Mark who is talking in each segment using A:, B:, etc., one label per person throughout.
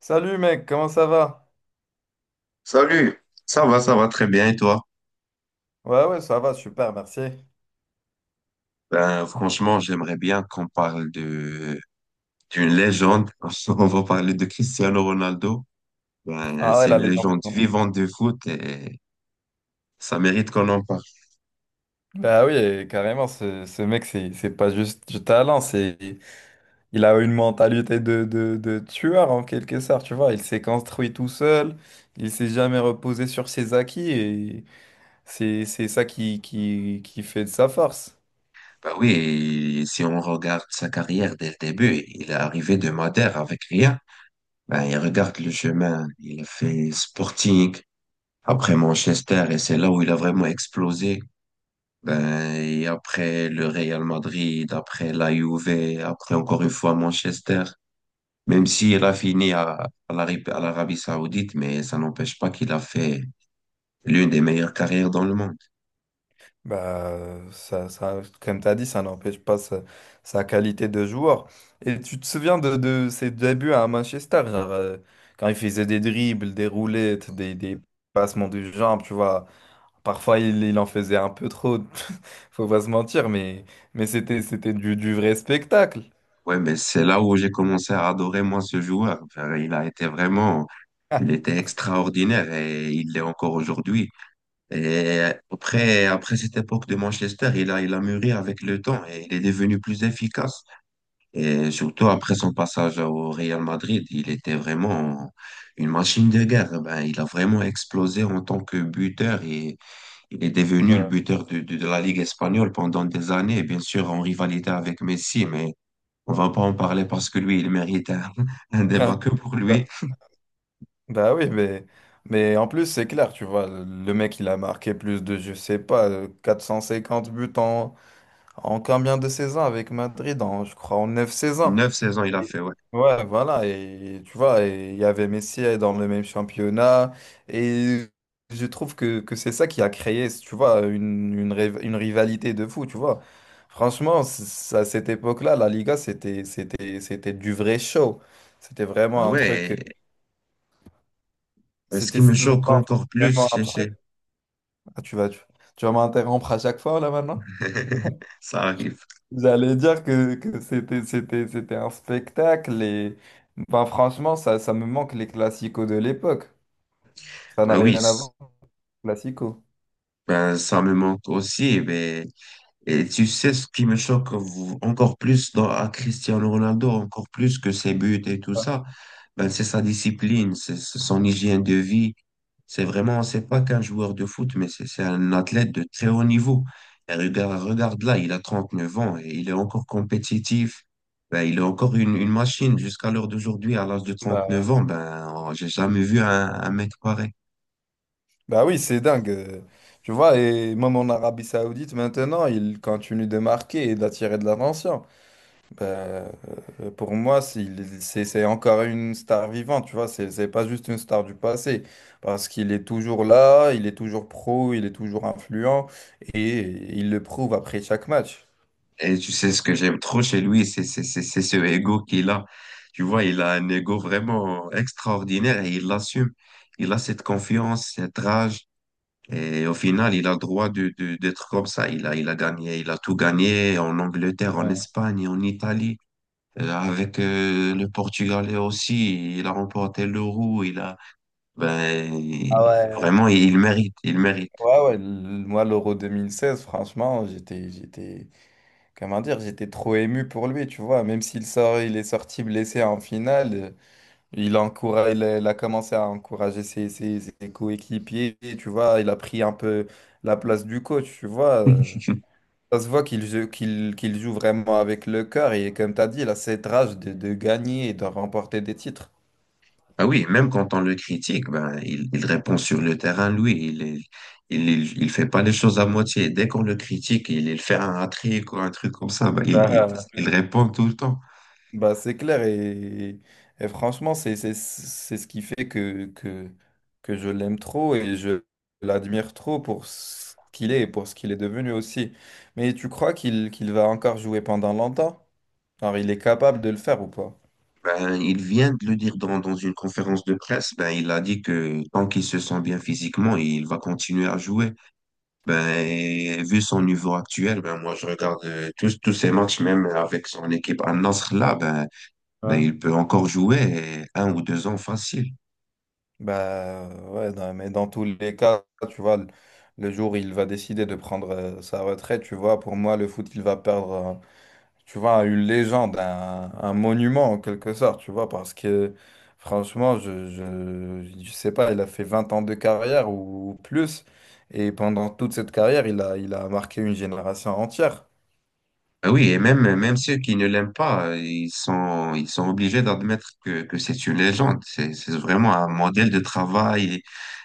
A: Salut mec, comment ça va?
B: Salut, ça va très bien et toi?
A: Ouais, ouais, ça va, super, merci.
B: Franchement, j'aimerais bien qu'on parle de d'une légende. On va parler de Cristiano Ronaldo.
A: Ah ouais,
B: C'est
A: la
B: une
A: légende.
B: légende vivante de foot et ça mérite qu'on en parle.
A: Bah oui, et carrément, ce mec, c'est pas juste du talent, c'est il a une mentalité de tueur en quelque sorte, tu vois. Il s'est construit tout seul, il s'est jamais reposé sur ses acquis, et c'est ça qui fait de sa force.
B: Ben oui, et si on regarde sa carrière dès le début, il est arrivé de Madère avec rien. Il regarde le chemin, il a fait Sporting, après Manchester et c'est là où il a vraiment explosé. Et après le Real Madrid, après la Juve, après encore une fois Manchester. Même si elle a fini à l'Arabie Saoudite, mais ça n'empêche pas qu'il a fait l'une des meilleures carrières dans le monde.
A: Bah, ça, comme tu as dit, ça n'empêche pas sa, sa qualité de joueur. Et tu te souviens de ses débuts à Manchester, genre, quand il faisait des dribbles, des roulettes, des passements de jambes, tu vois. Parfois, il en faisait un peu trop, faut pas se mentir, mais c'était du vrai spectacle.
B: Ouais, mais c'est là où j'ai commencé à adorer moi ce joueur. Enfin, il a été vraiment, il était extraordinaire et il l'est encore aujourd'hui. Et après, après cette époque de Manchester, il a mûri avec le temps et il est devenu plus efficace. Et surtout après son passage au Real Madrid, il était vraiment une machine de guerre. Il a vraiment explosé en tant que buteur et il est devenu le
A: Bah,
B: buteur de la Ligue espagnole pendant des années, bien sûr en rivalité avec Messi, mais on va pas en parler parce que lui, il mérite un, un débat que pour lui.
A: bah, bah oui, mais en plus, c'est clair, tu vois, le mec, il a marqué plus de, je sais pas, 450 buts en, en combien de saisons avec Madrid? En, je crois en 9 saisons.
B: Neuf saisons, il a fait, ouais.
A: Ouais, voilà. Et tu vois, et il y avait Messi dans le même championnat. Et je trouve que c'est ça qui a créé, tu vois, une rivalité de fou, tu vois. Franchement, à cette époque-là, la Liga, c'était du vrai show. C'était
B: Ben
A: vraiment un truc.
B: ouais, et ce
A: C'était
B: qui me choque encore plus,
A: vraiment un truc. Ah, tu vas m'interrompre à chaque fois, là, maintenant?
B: ça arrive.
A: J'allais dire que, c'était un spectacle et ben franchement, ça me manque les classicos de l'époque. Ça
B: Ben
A: n'a rien
B: oui,
A: à voir les classicos.
B: ben ça me manque aussi, mais et tu sais ce qui me choque encore plus dans, à Cristiano Ronaldo, encore plus que ses buts et tout
A: Ouais.
B: ça, ben c'est sa discipline, c'est son hygiène de vie. C'est vraiment, c'est pas qu'un joueur de foot, mais c'est un athlète de très haut niveau. Et regarde là, il a 39 ans et il est encore compétitif. Il est encore une machine jusqu'à l'heure d'aujourd'hui, à l'âge de trente neuf
A: Bah,
B: ans. J'ai jamais vu un mec pareil.
A: bah oui, c'est dingue. Tu vois, et même en Arabie Saoudite maintenant, il continue de marquer et d'attirer de l'attention. Bah, euh, pour moi, c'est encore une star vivante, tu vois, c'est pas juste une star du passé. Parce qu'il est toujours là, il est toujours pro, il est toujours influent et il le prouve après chaque match.
B: Et tu sais, ce que j'aime trop chez lui, c'est ce ego qu'il a. Tu vois, il a un ego vraiment extraordinaire et il l'assume. Il a cette confiance, cette rage. Et au final, il a le droit d'être comme ça. Il a gagné, il a tout gagné en Angleterre, en
A: Ouais.
B: Espagne, en Italie. Avec le Portugalais aussi, il a remporté l'Euro. Ben,
A: Ah ouais,
B: Vraiment, il mérite.
A: ouais, ouais. Moi, l'Euro 2016, franchement, comment dire, j'étais trop ému pour lui, tu vois. Il est sorti blessé en finale, il encourage, il a commencé à encourager ses coéquipiers, tu vois. Il a pris un peu la place du coach, tu vois. Ça se voit qu'il joue, qu'il joue vraiment avec le cœur et comme tu as dit, il a cette rage de gagner et de remporter des titres.
B: Ah oui, même quand on le critique, ben, il répond sur le terrain, lui. Il, est- Il fait pas les choses à moitié. Dès qu'on le critique, il fait un hat-trick ou un truc comme ça.
A: Bah,
B: Il répond tout le temps.
A: bah, c'est clair et franchement, c'est ce qui fait que je l'aime trop et je l'admire trop pour ce qu'il est et pour ce qu'il est devenu aussi. Mais tu crois qu'il va encore jouer pendant longtemps? Alors, il est capable de le faire ou pas?
B: Ben, il vient de le dire dans une conférence de presse. Il a dit que tant qu'il se sent bien physiquement, il va continuer à jouer. Et vu son niveau actuel, ben, moi, je regarde tous ses matchs, même avec son équipe à Nasr là,
A: Ouais.
B: il peut encore jouer un ou deux ans facile.
A: Bah ouais, non, mais dans tous les cas, tu vois, le jour où il va décider de prendre sa retraite, tu vois, pour moi, le foot, il va perdre. Tu vois, une légende, un monument en quelque sorte, tu vois, parce que franchement, je sais pas, il a fait 20 ans de carrière ou plus, et pendant toute cette carrière, il a marqué une génération entière.
B: Ah oui, et même, même ceux qui ne l'aiment pas, ils sont obligés d'admettre que c'est une légende. C'est vraiment un modèle de travail,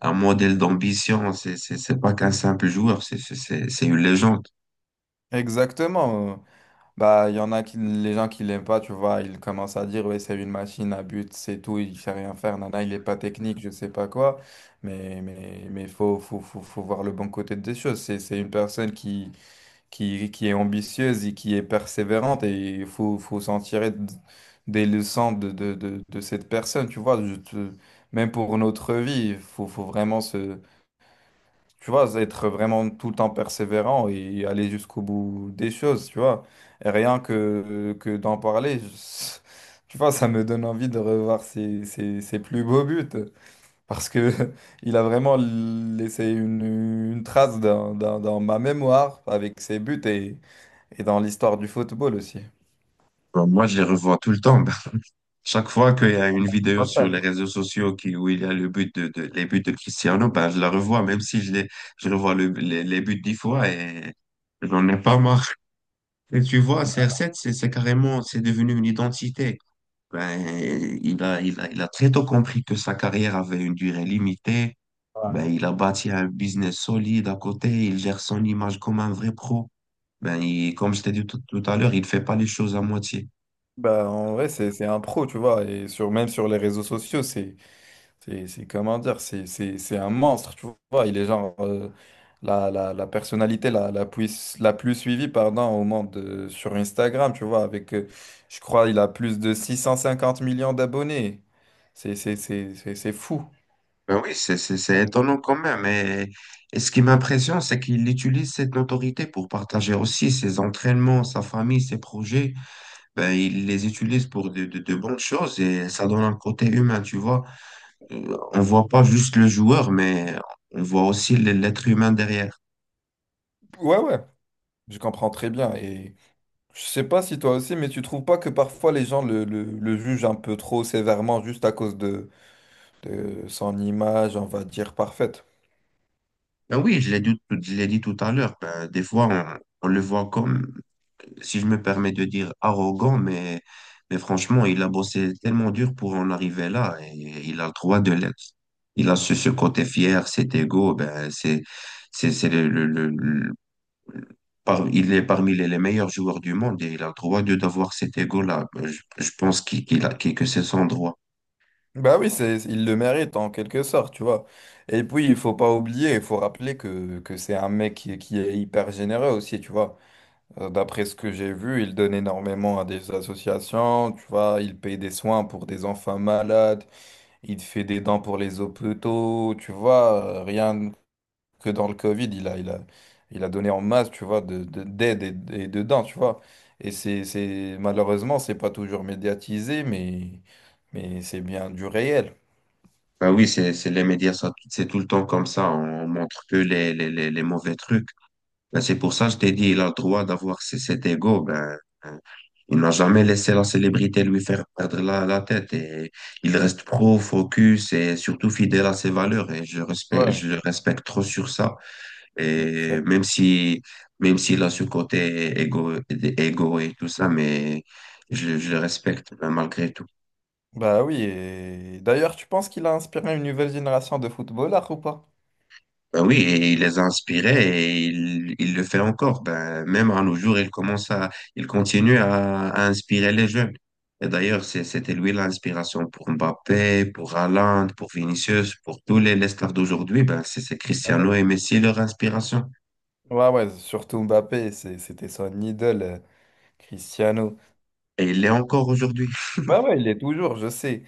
B: un modèle d'ambition. C'est pas qu'un simple joueur, c'est une légende.
A: Exactement. Bah, il y en a qui, les gens qui l'aiment pas, tu vois, ils commencent à dire, ouais, c'est une machine à but, c'est tout, il sait rien faire, nana, il est pas technique, je sais pas quoi. Mais faut voir le bon côté des choses. C'est une personne qui qui est ambitieuse et qui est persévérante et il faut, faut s'en tirer des leçons de cette personne, tu vois. Même pour notre vie, faut vraiment se, tu vois, être vraiment tout le temps persévérant et aller jusqu'au bout des choses, tu vois. Et rien que d'en parler, tu vois, ça me donne envie de revoir ses plus beaux buts. Parce que il a vraiment laissé une trace dans ma mémoire avec ses buts et dans l'histoire du football aussi.
B: Bon, moi, je les revois tout le temps. Chaque fois qu'il y a une vidéo
A: Un
B: sur
A: fan.
B: les réseaux sociaux qui, où il y a le but de- les buts de Cristiano, ben, je la revois, même si je revois les buts 10 fois et j'en ai pas marre. Et tu vois, CR7, c'est carrément, c'est devenu une identité. Ben, il a très tôt compris que sa carrière avait une durée limitée.
A: Voilà.
B: Il a bâti un business solide à côté. Il gère son image comme un vrai pro. Il, comme je t'ai dit tout à l'heure, il fait pas les choses à moitié.
A: Bah, en vrai, c'est un pro, tu vois. Et sur, même sur les réseaux sociaux, comment dire, c'est un monstre, tu vois. Il est genre la personnalité la plus suivie, pardon, au monde sur Instagram, tu vois. Avec, je crois, il a plus de 650 millions d'abonnés. C'est fou.
B: Ben oui, c'est étonnant quand même. Et ce qui m'impressionne, c'est qu'il utilise cette notoriété pour partager aussi ses entraînements, sa famille, ses projets. Il les utilise pour de bonnes choses et ça donne un côté humain, tu vois. On voit pas juste le joueur, mais on voit aussi l'être humain derrière.
A: Ouais, ouais, je comprends très bien. Et je sais pas si toi aussi, mais tu trouves pas que parfois les gens le jugent un peu trop sévèrement juste à cause de son image, on va dire, parfaite.
B: Ben oui, je l'ai dit tout à l'heure, ben, des fois, on le voit comme, si je me permets de dire, arrogant, mais franchement, il a bossé tellement dur pour en arriver là et il a le droit de l'être. Il a ce côté fier, cet ego, ben, c'est le- par- il est parmi les meilleurs joueurs du monde et il a le droit de d'avoir cet ego-là. Je pense que c'est son droit.
A: Bah oui, c'est, il le mérite en quelque sorte, tu vois. Et puis, il faut pas oublier, il faut rappeler que c'est un mec qui est hyper généreux aussi, tu vois. D'après ce que j'ai vu, il donne énormément à des associations, tu vois. Il paye des soins pour des enfants malades, il fait des dents pour les hôpitaux, tu vois. Rien, que dans le Covid, il a donné en masse, tu vois, d'aide et de dons, tu vois. Et c'est, malheureusement, c'est pas toujours médiatisé, mais c'est bien du réel.
B: Bah oui, c'est les médias, ça, c'est tout le temps comme ça. On montre que les mauvais trucs. Ben, c'est pour ça que je t'ai dit, il a le droit d'avoir cet ego. Hein, il n'a jamais laissé la célébrité lui faire perdre la tête. Et il reste pro, focus et surtout fidèle à ses valeurs. Et
A: Ouais.
B: je le respecte trop sur ça. Et
A: Exact.
B: même si, même s'il a ce côté égo, égo et tout ça, mais je le respecte ben, malgré tout.
A: Bah oui, et d'ailleurs, tu penses qu'il a inspiré une nouvelle génération de footballeurs ou pas?
B: Ben oui, et il les a inspirés et il le fait encore. Ben, même à nos jours, il continue à inspirer les jeunes. Et d'ailleurs, c'était lui l'inspiration pour Mbappé, pour Haaland, pour Vinicius, pour tous les stars d'aujourd'hui. Ben, c'est
A: Ah
B: Cristiano
A: ouais.
B: et Messi leur inspiration.
A: Ouais, ouais, surtout Mbappé, c'était son idole, Cristiano.
B: Et il l'est encore aujourd'hui.
A: Ouais, ouais, il est toujours, je sais.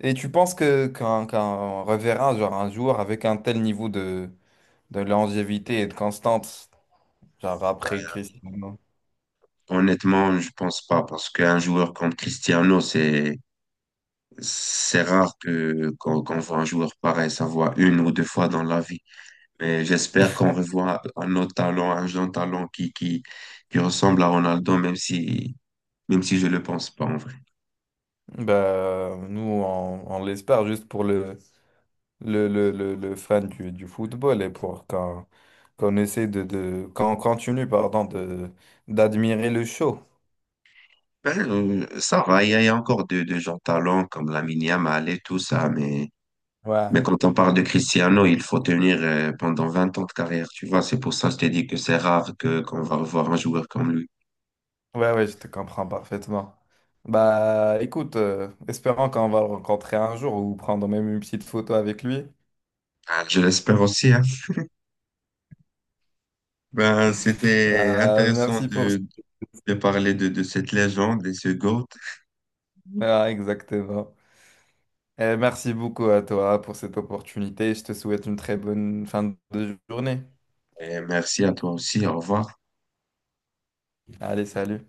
A: Et tu penses que qu'un reverra genre un jour avec un tel niveau de longévité et de constance, genre après Cristiano.
B: Honnêtement, je pense pas parce qu'un joueur comme Cristiano, c'est rare qu'on voit un joueur pareil, ça voit une ou deux fois dans la vie. Mais j'espère qu'on revoit un autre talent, un jeune talent qui ressemble à Ronaldo, même si je ne le pense pas en vrai.
A: Bah, nous, on l'espère juste pour le fan du football et pour qu'on qu'on essaie de qu'on continue, pardon, de d'admirer le show.
B: Ben, Ça va, il y a encore de jeunes talents comme Lamine Yamal et tout ça, mais
A: Ouais,
B: quand on parle de Cristiano, il faut tenir pendant 20 ans de carrière, tu vois. C'est pour ça que je t'ai dit que c'est rare qu'on va revoir un joueur comme lui.
A: ouais, je te comprends parfaitement. Bah, écoute, espérons qu'on va le rencontrer un jour ou prendre même une petite photo avec lui.
B: Ah, je l'espère aussi, hein. C'était intéressant
A: Merci pour ça.
B: de parler de cette légende et ce GOAT.
A: Ah, exactement. Eh, merci beaucoup à toi pour cette opportunité. Je te souhaite une très bonne fin de journée.
B: Et merci à toi aussi, au revoir.
A: Allez, salut.